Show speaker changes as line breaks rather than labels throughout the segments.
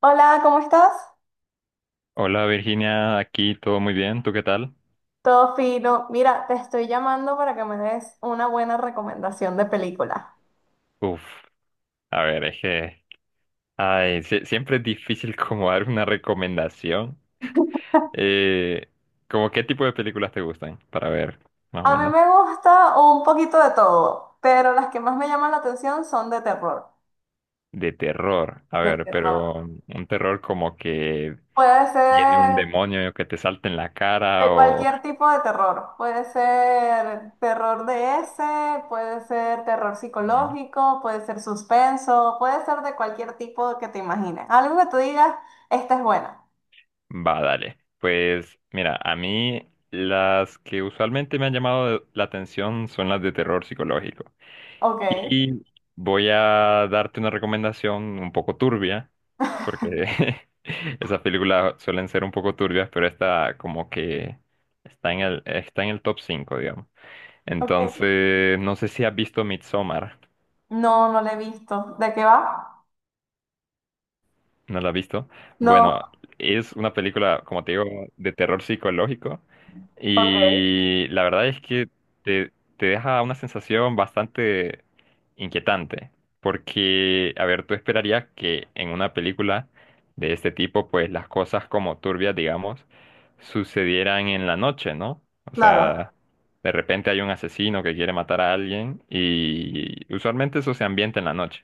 Hola, ¿cómo estás?
Hola Virginia, aquí todo muy bien, ¿tú qué tal?
Todo fino. Mira, te estoy llamando para que me des una buena recomendación de película.
Uf, a ver, es que, ay, siempre es difícil como dar una recomendación. Eh, ¿Cómo qué tipo de películas te gustan? Para ver, más o
A mí
menos.
me gusta un poquito de todo, pero las que más me llaman la atención son de terror.
De terror, a
De
ver,
terror.
pero un terror como que
Puede
viene un
ser
demonio que te salta en la cara
de
o...
cualquier tipo de terror. Puede ser terror de ese, puede ser terror
Ujú.
psicológico, puede ser suspenso, puede ser de cualquier tipo que te imagines. Algo que tú digas, esta es buena.
Va, dale. Pues mira, a mí las que usualmente me han llamado la atención son las de terror psicológico.
Ok,
Y voy a darte una recomendación un poco turbia, porque esas películas suelen ser un poco turbias, pero esta como que está en el top 5, digamos.
ok.
Entonces, no sé si has visto Midsommar.
No, no la he visto. ¿De qué va?
¿No la has visto?
No,
Bueno, es una película, como te digo, de terror psicológico
ok.
y la verdad es que te, te deja una sensación bastante inquietante, porque, a ver, tú esperarías que en una película de este tipo, pues las cosas como turbias, digamos, sucedieran en la noche, ¿no? O
Claro,
sea, de repente hay un asesino que quiere matar a alguien y usualmente eso se ambienta en la noche,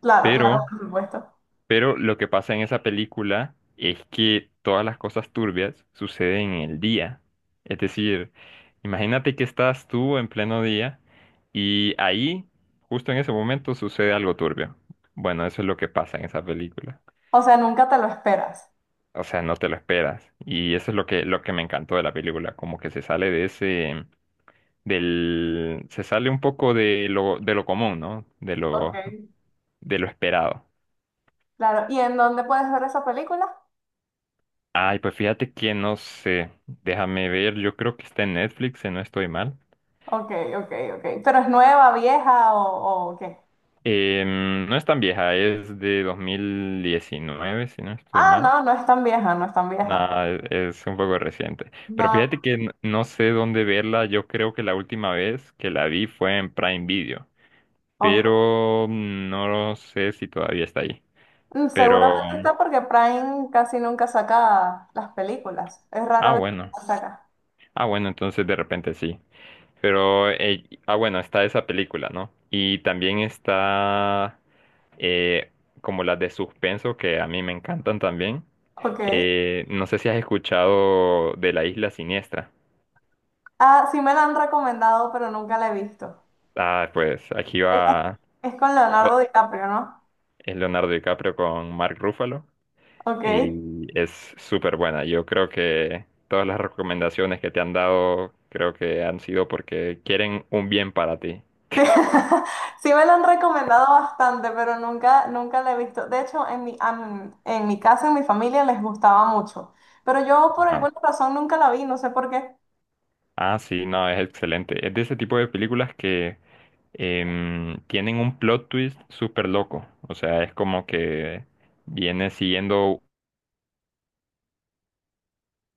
claro,
pero...
claro, por supuesto.
Pero lo que pasa en esa película es que todas las cosas turbias suceden en el día. Es decir, imagínate que estás tú en pleno día y ahí, justo en ese momento, sucede algo turbio. Bueno, eso es lo que pasa en esa película.
O sea, nunca te lo esperas.
O sea, no te lo esperas. Y eso es lo que, me encantó de la película, como que se sale de ese, del, se sale un poco de lo común, ¿no?
Ok.
De lo esperado.
Claro. ¿Y en dónde puedes ver esa película?
Ay, pues fíjate que no sé. Déjame ver, yo creo que está en Netflix, si no estoy mal.
Ok, ok, ok. ¿Pero es nueva, vieja o qué?
No es tan vieja, es de 2019, si no estoy
Ah,
mal.
no, no es tan vieja, no es tan vieja.
Nada, es un poco reciente. Pero
No,
fíjate que no sé dónde verla. Yo creo que la última vez que la vi fue en Prime Video.
ok.
Pero no sé si todavía está ahí.
Mm,
Pero,
seguramente está porque Prime casi nunca saca las películas. Es
ah,
rara vez que
bueno.
las saca.
Ah, bueno, entonces de repente sí. Pero, ah, bueno, está esa película, ¿no? Y también está eh, como las de suspenso, que a mí me encantan también.
Ok.
No sé si has escuchado de La Isla Siniestra.
Ah, sí me la han recomendado, pero nunca la he visto.
Ah, pues aquí
Es,
va
es con
o-
Leonardo
o-
DiCaprio, ¿no?
es Leonardo DiCaprio con Mark Ruffalo
Ok.
y
Sí,
es súper buena. Yo creo que todas las recomendaciones que te han dado creo que han sido porque quieren un bien para ti.
sí me lo han recomendado bastante, pero nunca, nunca la he visto. De hecho, en mi casa, en mi familia, les gustaba mucho. Pero yo por alguna razón nunca la vi, no sé por qué.
Ah, sí, no, es excelente. Es de ese tipo de películas que tienen un plot twist súper loco. O sea, es como que viene siguiendo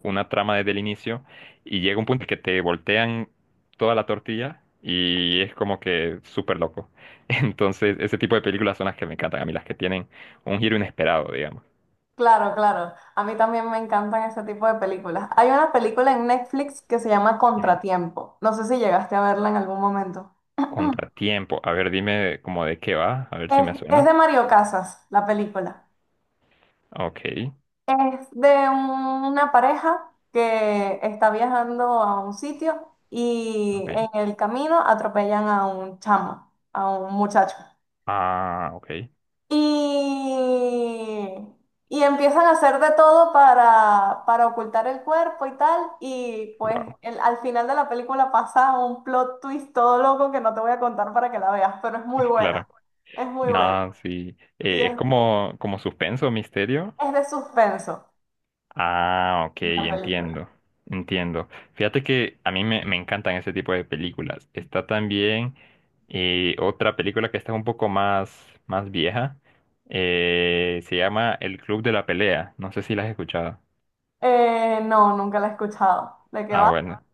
una trama desde el inicio y llega un punto que te voltean toda la tortilla y es como que súper loco. Entonces, ese tipo de películas son las que me encantan a mí, las que tienen un giro inesperado, digamos.
Claro, claro. A mí también me encantan ese tipo de películas. Hay una película en Netflix que se llama
Mm.
Contratiempo. No sé si llegaste a verla en algún momento.
Contratiempo. A ver, dime como de qué va, a ver si
Es,
me
es
suena.
de Mario Casas, la película.
Ok,
Es de una pareja que está viajando a un sitio
ok.
y en el camino atropellan a un chamo, a un muchacho.
Ah, ok.
Y, y empiezan a hacer de todo para ocultar el cuerpo y tal. Y pues
Wow,
al final de la película pasa un plot twist todo loco que no te voy a contar para que la veas, pero es muy buena.
claro.
Es muy buena.
No, sí.
Y es,
Es como, como suspenso, misterio.
es de suspenso
Ah, ok,
la película.
entiendo. Entiendo. Fíjate que a mí me encantan ese tipo de películas. Está también otra película que está un poco más, más vieja. Se llama El Club de la Pelea. No sé si la has escuchado.
No, nunca la he escuchado. ¿De qué
Ah,
va?
bueno.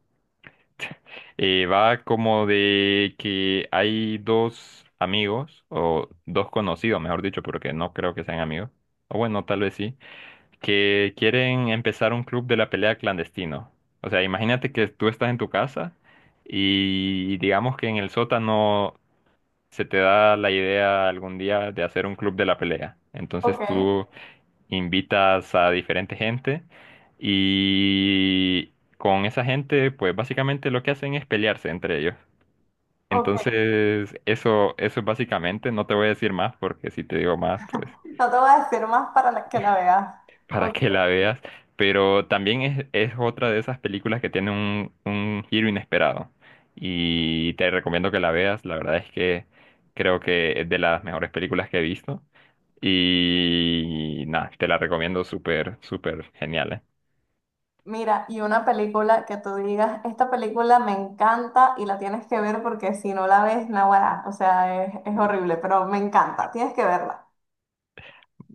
Va como de que hay dos amigos, o dos conocidos, mejor dicho, porque no creo que sean amigos. O bueno, tal vez sí que quieren empezar un club de la pelea clandestino. O sea, imagínate que tú estás en tu casa y digamos que en el sótano se te da la idea algún día de hacer un club de la pelea. Entonces
Ok,
tú invitas a diferente gente y con esa gente, pues básicamente lo que hacen es pelearse entre ellos.
ok.
Entonces, eso es básicamente, no te voy a decir más porque si te digo más, pues
No te voy a decir más que la veas.
para
Ok.
que la veas, pero también es otra de esas películas que tiene un giro inesperado y te recomiendo que la veas, la verdad es que creo que es de las mejores películas que he visto y nada, te la recomiendo súper, súper genial, ¿eh?
Mira, y una película que tú digas, esta película me encanta y la tienes que ver porque si no la ves, naguará. O sea, es horrible, pero me encanta. Tienes que verla.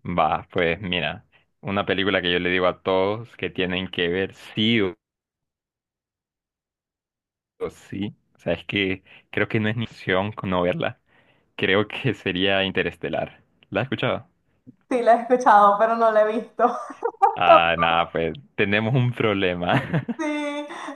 Va, pues mira, una película que yo le digo a todos que tienen que ver sí o sí, o sea, es que creo que no es ni opción con no verla, creo que sería Interestelar. ¿La has escuchado?
Sí, la he escuchado, pero no la he visto.
Ah, nada, pues tenemos un problema.
Sí,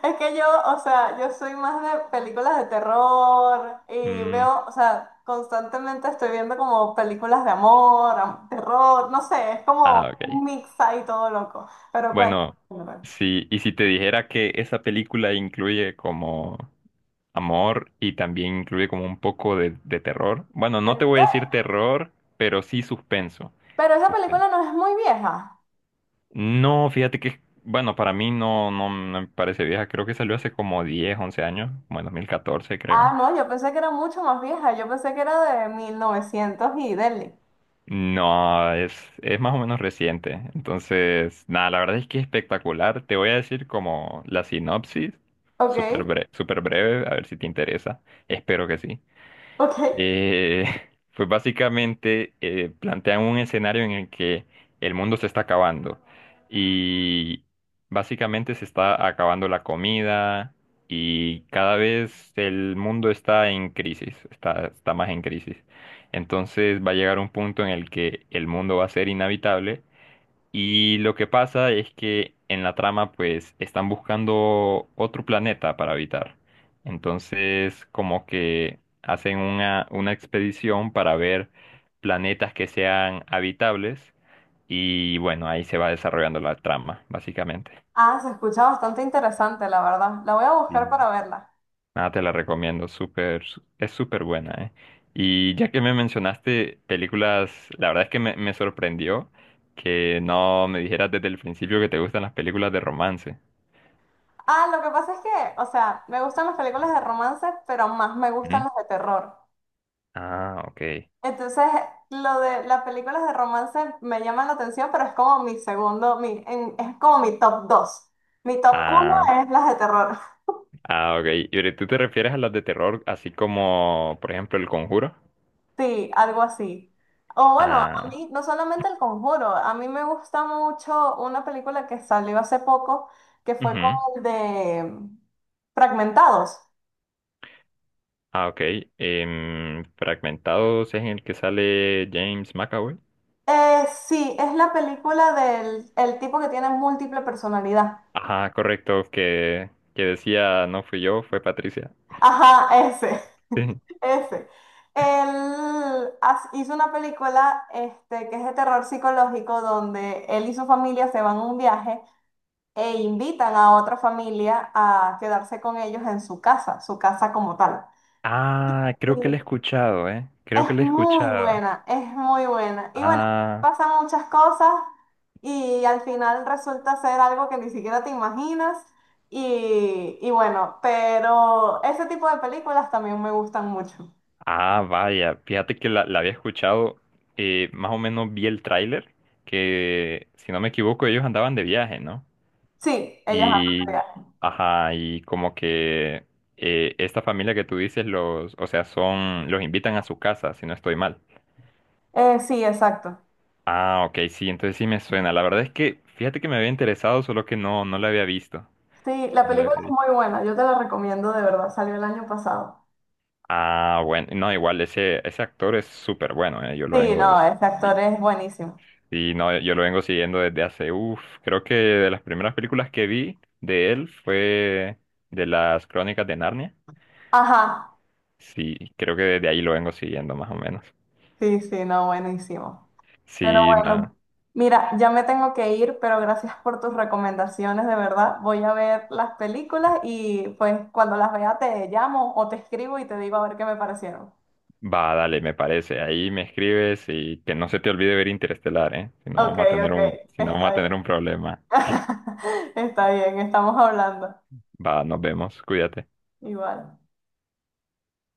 es que yo, o sea, yo soy más de películas de terror y
Mm,
veo, o sea, constantemente estoy viendo como películas de amor, terror, no sé, es
ah,
como
ok.
un mix ahí todo loco. Pero
Bueno,
cuéntame.
sí, y si te dijera que esa película incluye como amor y también incluye como un poco de terror. Bueno, no
¿En
te voy a
serio?
decir terror, pero sí suspenso.
Pero esa
Suspenso.
película no es muy vieja.
No, fíjate que, bueno, para mí no, no no me parece vieja. Creo que salió hace como 10, 11 años, como en 2014,
Ah,
creo.
no, yo pensé que era mucho más vieja, yo pensé que era de 1900 y deli.
No, es más o menos reciente. Entonces, nada, la verdad es que es espectacular. Te voy a decir como la sinopsis,
Ok,
súper breve, a ver si te interesa. Espero que sí.
ok.
Eh, pues básicamente plantean un escenario en el que el mundo se está acabando y básicamente se está acabando la comida y cada vez el mundo está en crisis, está más en crisis. Entonces va a llegar un punto en el que el mundo va a ser inhabitable y lo que pasa es que en la trama pues están buscando otro planeta para habitar. Entonces como que hacen una expedición para ver planetas que sean habitables y bueno, ahí se va desarrollando la trama, básicamente.
Ah, se escucha bastante interesante, la verdad. La voy a
Sí.
buscar para verla.
Nada, te la recomiendo, súper, es súper buena, ¿eh? Y ya que me mencionaste películas, la verdad es que me sorprendió que no me dijeras desde el principio que te gustan las películas de romance.
Ah, lo que pasa es que, o sea, me gustan las películas de romance, pero más me gustan
Ujú.
las de terror.
Ah, ok.
Entonces, lo de las películas de romance me llama la atención, pero es como mi segundo, es como mi top 2. Mi top uno
Ah,
es las de terror.
ah, ok. ¿Y ahorita tú te refieres a las de terror, así como, por ejemplo, El Conjuro?
Sí, algo así. O bueno, a
Ah,
mí no solamente El Conjuro, a mí me gusta mucho una película que salió hace poco, que fue con
ujú.
el de Fragmentados.
Ah, ok. Fragmentados es en el que sale James McAvoy.
Sí, es la película del el tipo que tiene múltiple personalidad.
Ajá, correcto, que decía, no fui yo, fue Patricia.
Ajá, ese,
Sí.
ese. Él hizo una película este, que es de terror psicológico donde él y su familia se van a un viaje e invitan a otra familia a quedarse con ellos en su casa como tal.
Ah, creo que la he escuchado, ¿eh? Creo que
Es
la he
muy
escuchado.
buena, es muy buena. Y bueno,
Ah.
pasan muchas cosas y al final resulta ser algo que ni siquiera te imaginas. Y bueno, pero ese tipo de películas también me gustan mucho.
Ah, vaya, fíjate que la había escuchado, más o menos vi el tráiler, que si no me equivoco ellos andaban de viaje, ¿no?
Sí, ellos hablan de
Y,
viajes.
ajá, y como que esta familia que tú dices, los, o sea, son, los invitan a su casa, si no estoy mal.
Sí, exacto.
Ah, ok, sí, entonces sí me suena. La verdad es que, fíjate que me había interesado, solo que no, no la había visto.
Sí, la
Me la
película
había
es
visto.
muy buena, yo te la recomiendo de verdad, salió el año pasado.
Ah, bueno, no, igual ese, ese actor es súper bueno, yo lo
Sí,
vengo
no, este actor
sí,
es buenísimo.
sí, no, yo lo vengo siguiendo desde hace, uff, creo que de las primeras películas que vi de él fue de las Crónicas de Narnia.
Ajá,
Sí, creo que desde ahí lo vengo siguiendo más o menos.
sí, sí, no, buenísimo. Pero
Sí, nada,
bueno, mira, ya me tengo que ir, pero gracias por tus recomendaciones, de verdad. Voy a ver las películas y pues cuando las vea te llamo o te escribo y te digo a ver qué me parecieron.
va, dale, me parece. Ahí me escribes y que no se te olvide ver Interestelar, ¿eh?
Ok, ok,
Si no vamos
está
a
bien.
tener un problema.
Está bien, estamos hablando.
Va, nos vemos, cuídate.
Igual.